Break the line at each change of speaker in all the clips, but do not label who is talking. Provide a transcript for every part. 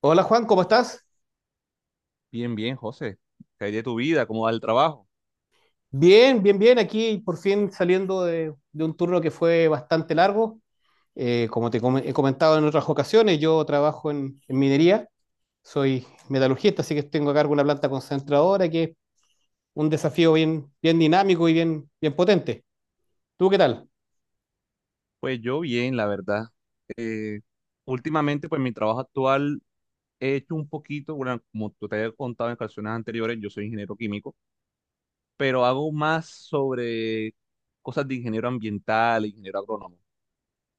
Hola Juan, ¿cómo estás?
Bien, bien, José. ¿Qué hay de tu vida? ¿Cómo va el trabajo?
Bien, bien, bien. Aquí por fin saliendo de un turno que fue bastante largo. Como te he comentado en otras ocasiones, yo trabajo en minería, soy metalurgista, así que tengo a cargo una planta concentradora que es un desafío bien, bien dinámico y bien, bien potente. ¿Tú qué tal?
Pues yo bien, la verdad. Eh, Últimamente, pues mi trabajo actual he hecho un poquito, bueno, como tú te había contado en ocasiones anteriores, yo soy ingeniero químico, pero hago más sobre cosas de ingeniero ambiental, ingeniero agrónomo,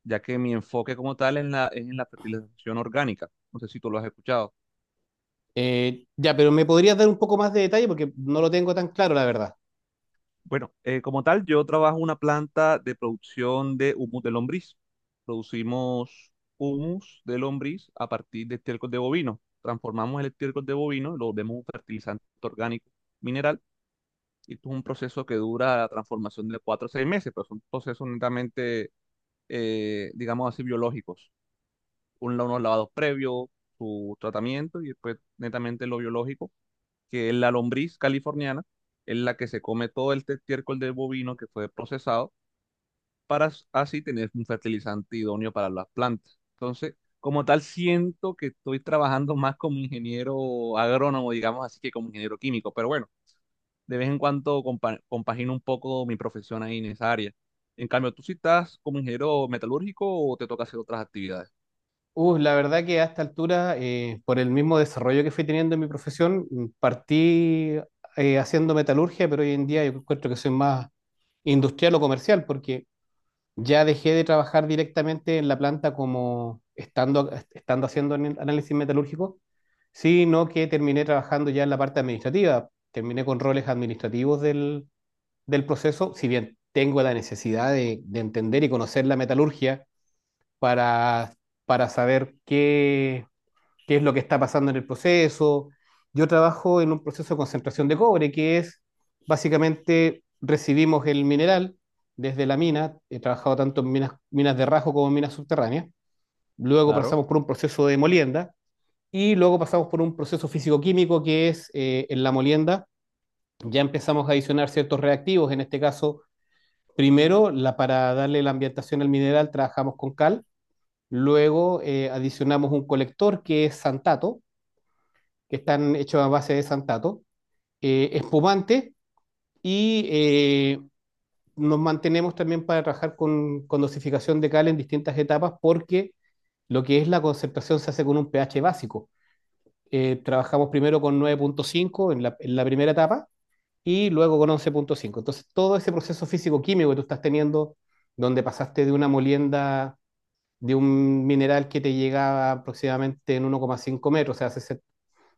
ya que mi enfoque como tal es en la fertilización orgánica. No sé si tú lo has escuchado.
Ya, pero ¿me podrías dar un poco más de detalle? Porque no lo tengo tan claro, la verdad.
Bueno, como tal, yo trabajo en una planta de producción de humus de lombriz. Producimos humus de lombriz a partir de estiércol de bovino. Transformamos el estiércol de bovino, lo volvemos un fertilizante orgánico mineral. Y esto es un proceso que dura la transformación de 4 a 6 meses, pero son procesos netamente, digamos así, biológicos. Unos lavados previos, su tratamiento y después netamente lo biológico que la lombriz californiana es la que se come todo el estiércol del bovino que fue procesado para así tener un fertilizante idóneo para las plantas. Entonces, como tal, siento que estoy trabajando más como ingeniero agrónomo, digamos así, que como ingeniero químico, pero bueno, de vez en cuando compagino un poco mi profesión ahí en esa área. En cambio, ¿tú sí estás como ingeniero metalúrgico o te toca hacer otras actividades?
La verdad que a esta altura, por el mismo desarrollo que fui teniendo en mi profesión, partí haciendo metalurgia, pero hoy en día yo encuentro que soy más industrial o comercial, porque ya dejé de trabajar directamente en la planta como estando haciendo análisis metalúrgico, sino que terminé trabajando ya en la parte administrativa. Terminé con roles administrativos del proceso, si bien tengo la necesidad de entender y conocer la metalurgia para, para saber qué es lo que está pasando en el proceso. Yo trabajo en un proceso de concentración de cobre, que es básicamente recibimos el mineral desde la mina. He trabajado tanto en minas de rajo como en minas subterráneas, luego
Claro.
pasamos por un proceso de molienda y luego pasamos por un proceso físico-químico, que es, en la molienda, ya empezamos a adicionar ciertos reactivos. En este caso, primero, para darle la ambientación al mineral trabajamos con cal, luego adicionamos un colector que es santato, que están hechos a base de santato, espumante, y nos mantenemos también para trabajar con dosificación de cal en distintas etapas, porque lo que es la concentración se hace con un pH básico. Trabajamos primero con 9,5 en la, primera etapa, y luego con 11,5. Entonces, todo ese proceso físico-químico que tú estás teniendo, donde pasaste de una molienda de un mineral que te llegaba aproximadamente en 1,5 metros, o sea,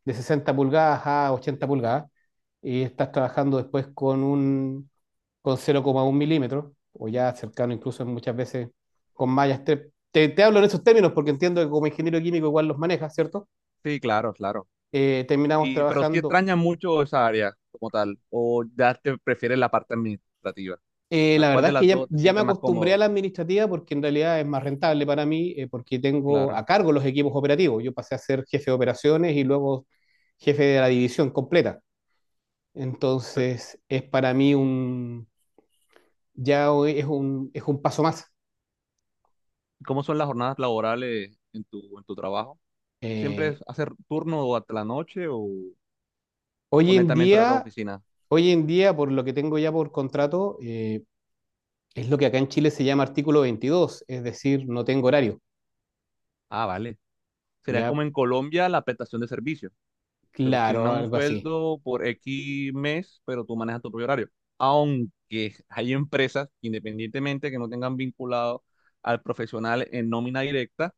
de 60 pulgadas a 80 pulgadas, y estás trabajando después con un con 0,1 milímetros, o ya cercano, incluso muchas veces con mallas. Te hablo en esos términos porque entiendo que como ingeniero químico igual los manejas, ¿cierto?
Sí, claro, claro.
Terminamos
Y, pero sí
trabajando.
extraña mucho esa área como tal, o ya te prefieres la parte administrativa. O sea,
La
¿cuál
verdad
de
es que
las
ya,
dos te
ya me
sientes más
acostumbré a
cómodo?
la administrativa, porque en realidad es más rentable para mí, porque tengo
Claro.
a cargo los equipos operativos. Yo pasé a ser jefe de operaciones y luego jefe de la división completa.
Pero
Entonces, es para mí ya hoy es un paso más.
¿cómo son las jornadas laborales en tu trabajo? ¿Siempre
Eh,
es hacer turno o hasta la noche o
hoy en
netamente horario de
día,
oficina?
Hoy en día, por lo que tengo ya por contrato, es lo que acá en Chile se llama artículo 22, es decir, no tengo horario.
Ah, vale. Sería como
Ya,
en Colombia la prestación de servicio. Te
claro,
asignan un
algo así.
sueldo por X mes, pero tú manejas tu propio horario. Aunque hay empresas, independientemente que no tengan vinculado al profesional en nómina directa,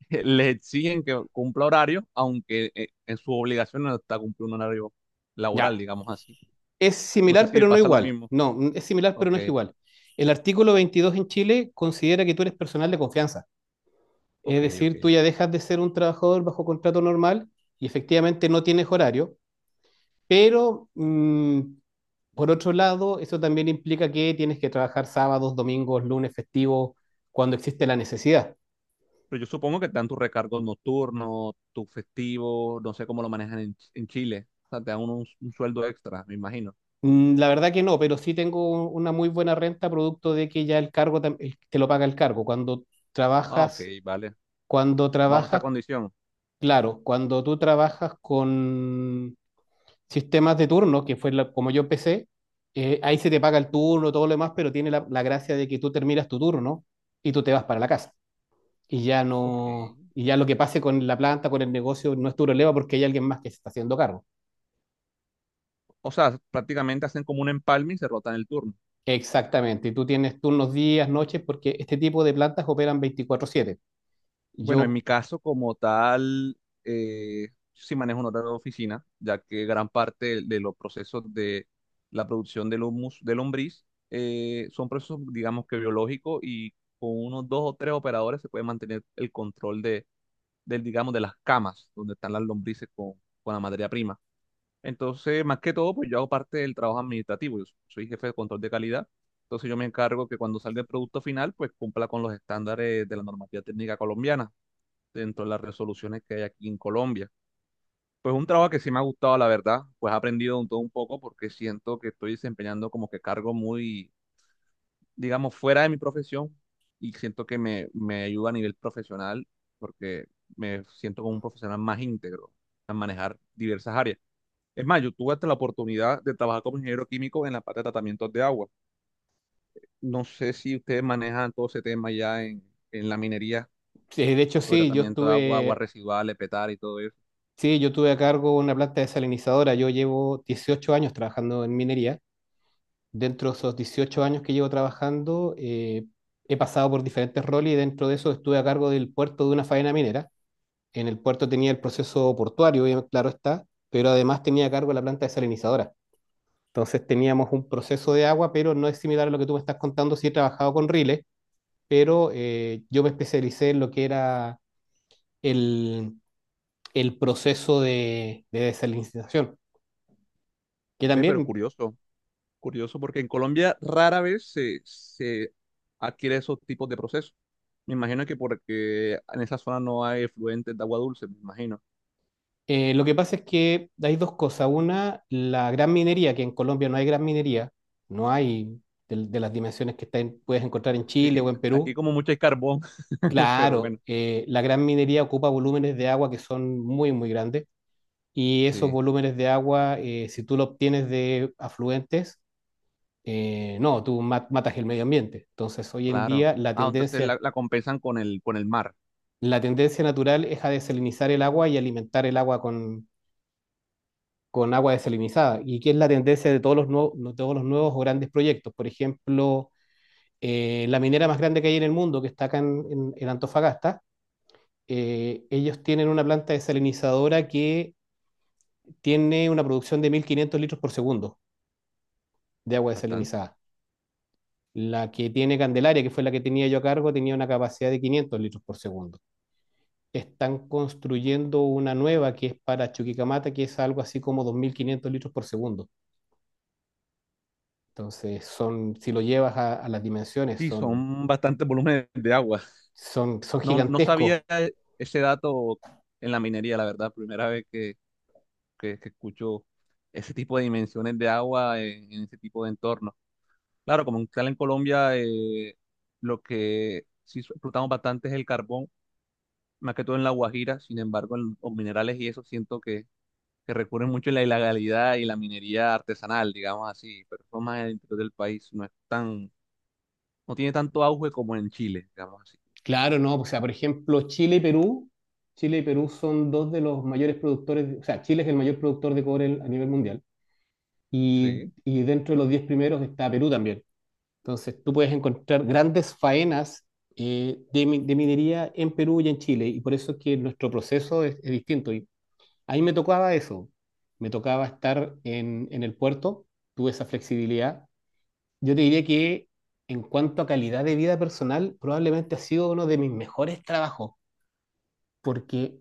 le exigen que cumpla horario, aunque en su obligación no está cumplir un horario laboral,
Ya,
digamos así.
es
No sé
similar
si le
pero no
pasa lo
igual.
mismo.
No, es similar pero
Ok,
no es igual. El artículo 22 en Chile considera que tú eres personal de confianza. Es
ok, ok.
decir, tú ya dejas de ser un trabajador bajo contrato normal y efectivamente no tienes horario, pero por otro lado, eso también implica que tienes que trabajar sábados, domingos, lunes, festivos, cuando existe la necesidad.
Pero yo supongo que te dan tus recargos nocturnos, tus festivos, no sé cómo lo manejan en, en Chile. O sea, te dan un sueldo extra, me imagino.
La verdad que no, pero sí tengo una muy buena renta producto de que ya el cargo, te lo paga el cargo.
Ah, ok,
Trabajas,
vale.
Cuando
Bajo esa
trabajas,
condición.
claro, cuando tú trabajas con sistemas de turno, que fue como yo empecé. Ahí se te paga el turno, todo lo demás, pero tiene la gracia de que tú terminas tu turno y tú te vas para la casa. Y ya
Ok.
no, Y ya lo que pase con la planta, con el negocio, no es tu problema porque hay alguien más que se está haciendo cargo.
O sea, prácticamente hacen como un empalme y se rotan el turno.
Exactamente, y tú tienes turnos días, noches, porque este tipo de plantas operan 24/7.
Bueno, en mi
Yo,
caso como tal, eh, yo sí manejo un horario de oficina, ya que gran parte de los procesos de la producción del humus, de lombriz, son procesos, digamos que biológicos y con unos dos o tres operadores se puede mantener el control digamos, de las camas donde están las lombrices con la materia prima. Entonces, más que todo, pues yo hago parte del trabajo administrativo, yo soy jefe de control de calidad, entonces yo me encargo que cuando salga el producto final, pues cumpla con los estándares de la normativa técnica colombiana dentro de las resoluciones que hay aquí en Colombia. Pues un trabajo que sí me ha gustado, la verdad, pues he aprendido un todo un poco porque siento que estoy desempeñando como que cargo muy, digamos, fuera de mi profesión y siento que me ayuda a nivel profesional porque me siento como un profesional más íntegro a manejar diversas áreas. Es más, yo tuve hasta la oportunidad de trabajar como ingeniero químico en la parte de tratamientos de agua. No sé si ustedes manejan todo ese tema ya en la minería,
de hecho,
lo de
sí,
tratamiento de agua, aguas residuales, petar y todo eso.
yo tuve a cargo una planta desalinizadora. Yo llevo 18 años trabajando en minería. Dentro de esos 18 años que llevo trabajando, he pasado por diferentes roles y dentro de eso estuve a cargo del puerto de una faena minera. En el puerto tenía el proceso portuario, claro está, pero además tenía a cargo la planta desalinizadora. Entonces teníamos un proceso de agua, pero no es similar a lo que tú me estás contando. Sí, he trabajado con riles, pero yo me especialicé en lo que era el, el proceso de desalinización, que
Ve, pero
también.
curioso, curioso, porque en Colombia rara vez se adquiere esos tipos de procesos. Me imagino que porque en esa zona no hay efluentes de agua dulce, me imagino.
Lo que pasa es que hay dos cosas. Una, la gran minería, que en Colombia no hay gran minería, no hay de las dimensiones que puedes encontrar en
Sí,
Chile o en
aquí
Perú.
como mucho hay carbón, pero
Claro,
bueno.
la gran minería ocupa volúmenes de agua que son muy, muy grandes, y esos
Sí,
volúmenes de agua, si tú lo obtienes de afluentes, no, tú matas el medio ambiente. Entonces, hoy en
claro.
día
Ah, entonces la compensan con el mar.
la tendencia natural es a desalinizar el agua y alimentar el agua con agua desalinizada. ¿Y que es la tendencia de todos los nuevos, no- todos los nuevos o grandes proyectos? Por ejemplo, la minera más grande que hay en el mundo, que está acá en Antofagasta. Ellos tienen una planta desalinizadora que tiene una producción de 1.500 litros por segundo de agua
Bastante.
desalinizada. La que tiene Candelaria, que fue la que tenía yo a cargo, tenía una capacidad de 500 litros por segundo. Están construyendo una nueva que es para Chuquicamata, que es algo así como 2.500 litros por segundo. Entonces son, si lo llevas a las dimensiones,
Sí,
son,
son bastantes volúmenes de agua.
son, son
No, no
gigantescos.
sabía ese dato en la minería, la verdad. Primera vez que escucho ese tipo de dimensiones de agua en ese tipo de entorno. Claro, como tal en Colombia, lo que sí explotamos bastante es el carbón, más que todo en La Guajira, sin embargo, en los minerales y eso siento que recurren mucho a la ilegalidad y la minería artesanal, digamos así, pero eso más en el interior del país, no es tan, no tiene tanto auge como en Chile, digamos así.
Claro, no, o sea, por ejemplo, Chile y Perú son dos de los mayores productores. O sea, Chile es el mayor productor de cobre a nivel mundial,
Sí.
y, dentro de los 10 primeros está Perú también. Entonces, tú puedes encontrar grandes faenas de minería en Perú y en Chile, y por eso es que nuestro proceso es distinto. Y ahí me tocaba eso, me tocaba estar en el puerto. Tuve esa flexibilidad. Yo te diría que, en cuanto a calidad de vida personal, probablemente ha sido uno de mis mejores trabajos, porque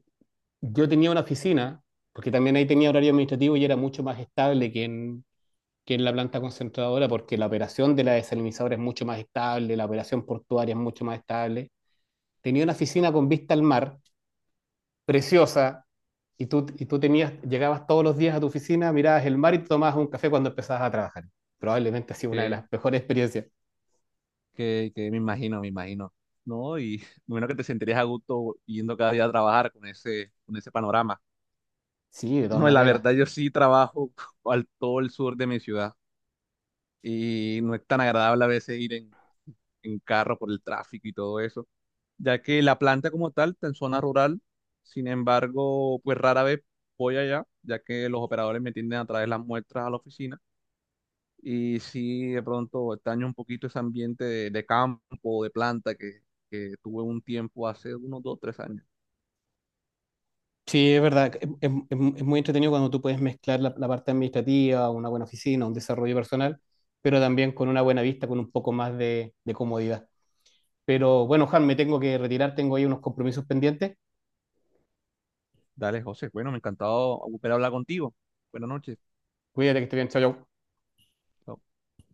yo tenía una oficina, porque también ahí tenía horario administrativo y era mucho más estable que que en la planta concentradora, porque la operación de la desalinizadora es mucho más estable, la operación portuaria es mucho más estable. Tenía una oficina con vista al mar, preciosa, y y tú tenías, llegabas todos los días a tu oficina, mirabas el mar y tomabas un café cuando empezabas a trabajar. Probablemente ha sido una de
Que,
las mejores experiencias.
que me imagino, ¿no? Y bueno, que te sentirías a gusto yendo cada día a trabajar con ese panorama.
Sí, de todas
No, la
maneras.
verdad, yo sí trabajo al todo el sur de mi ciudad. Y no es tan agradable a veces ir en carro por el tráfico y todo eso, ya que la planta como tal está en zona rural, sin embargo, pues rara vez voy allá, ya que los operadores me tienden a traer las muestras a la oficina y sí, de pronto extraño un poquito ese ambiente de campo, de planta que tuve un tiempo hace unos 2, 3 años.
Sí, es verdad. Es muy entretenido cuando tú puedes mezclar la parte administrativa, una buena oficina, un desarrollo personal, pero también con una buena vista, con un poco más de comodidad. Pero bueno, Juan, me tengo que retirar, tengo ahí unos compromisos pendientes.
Dale, José, bueno, me ha encantado volver a hablar contigo. Buenas noches.
Cuídate, que esté bien, chao, chao.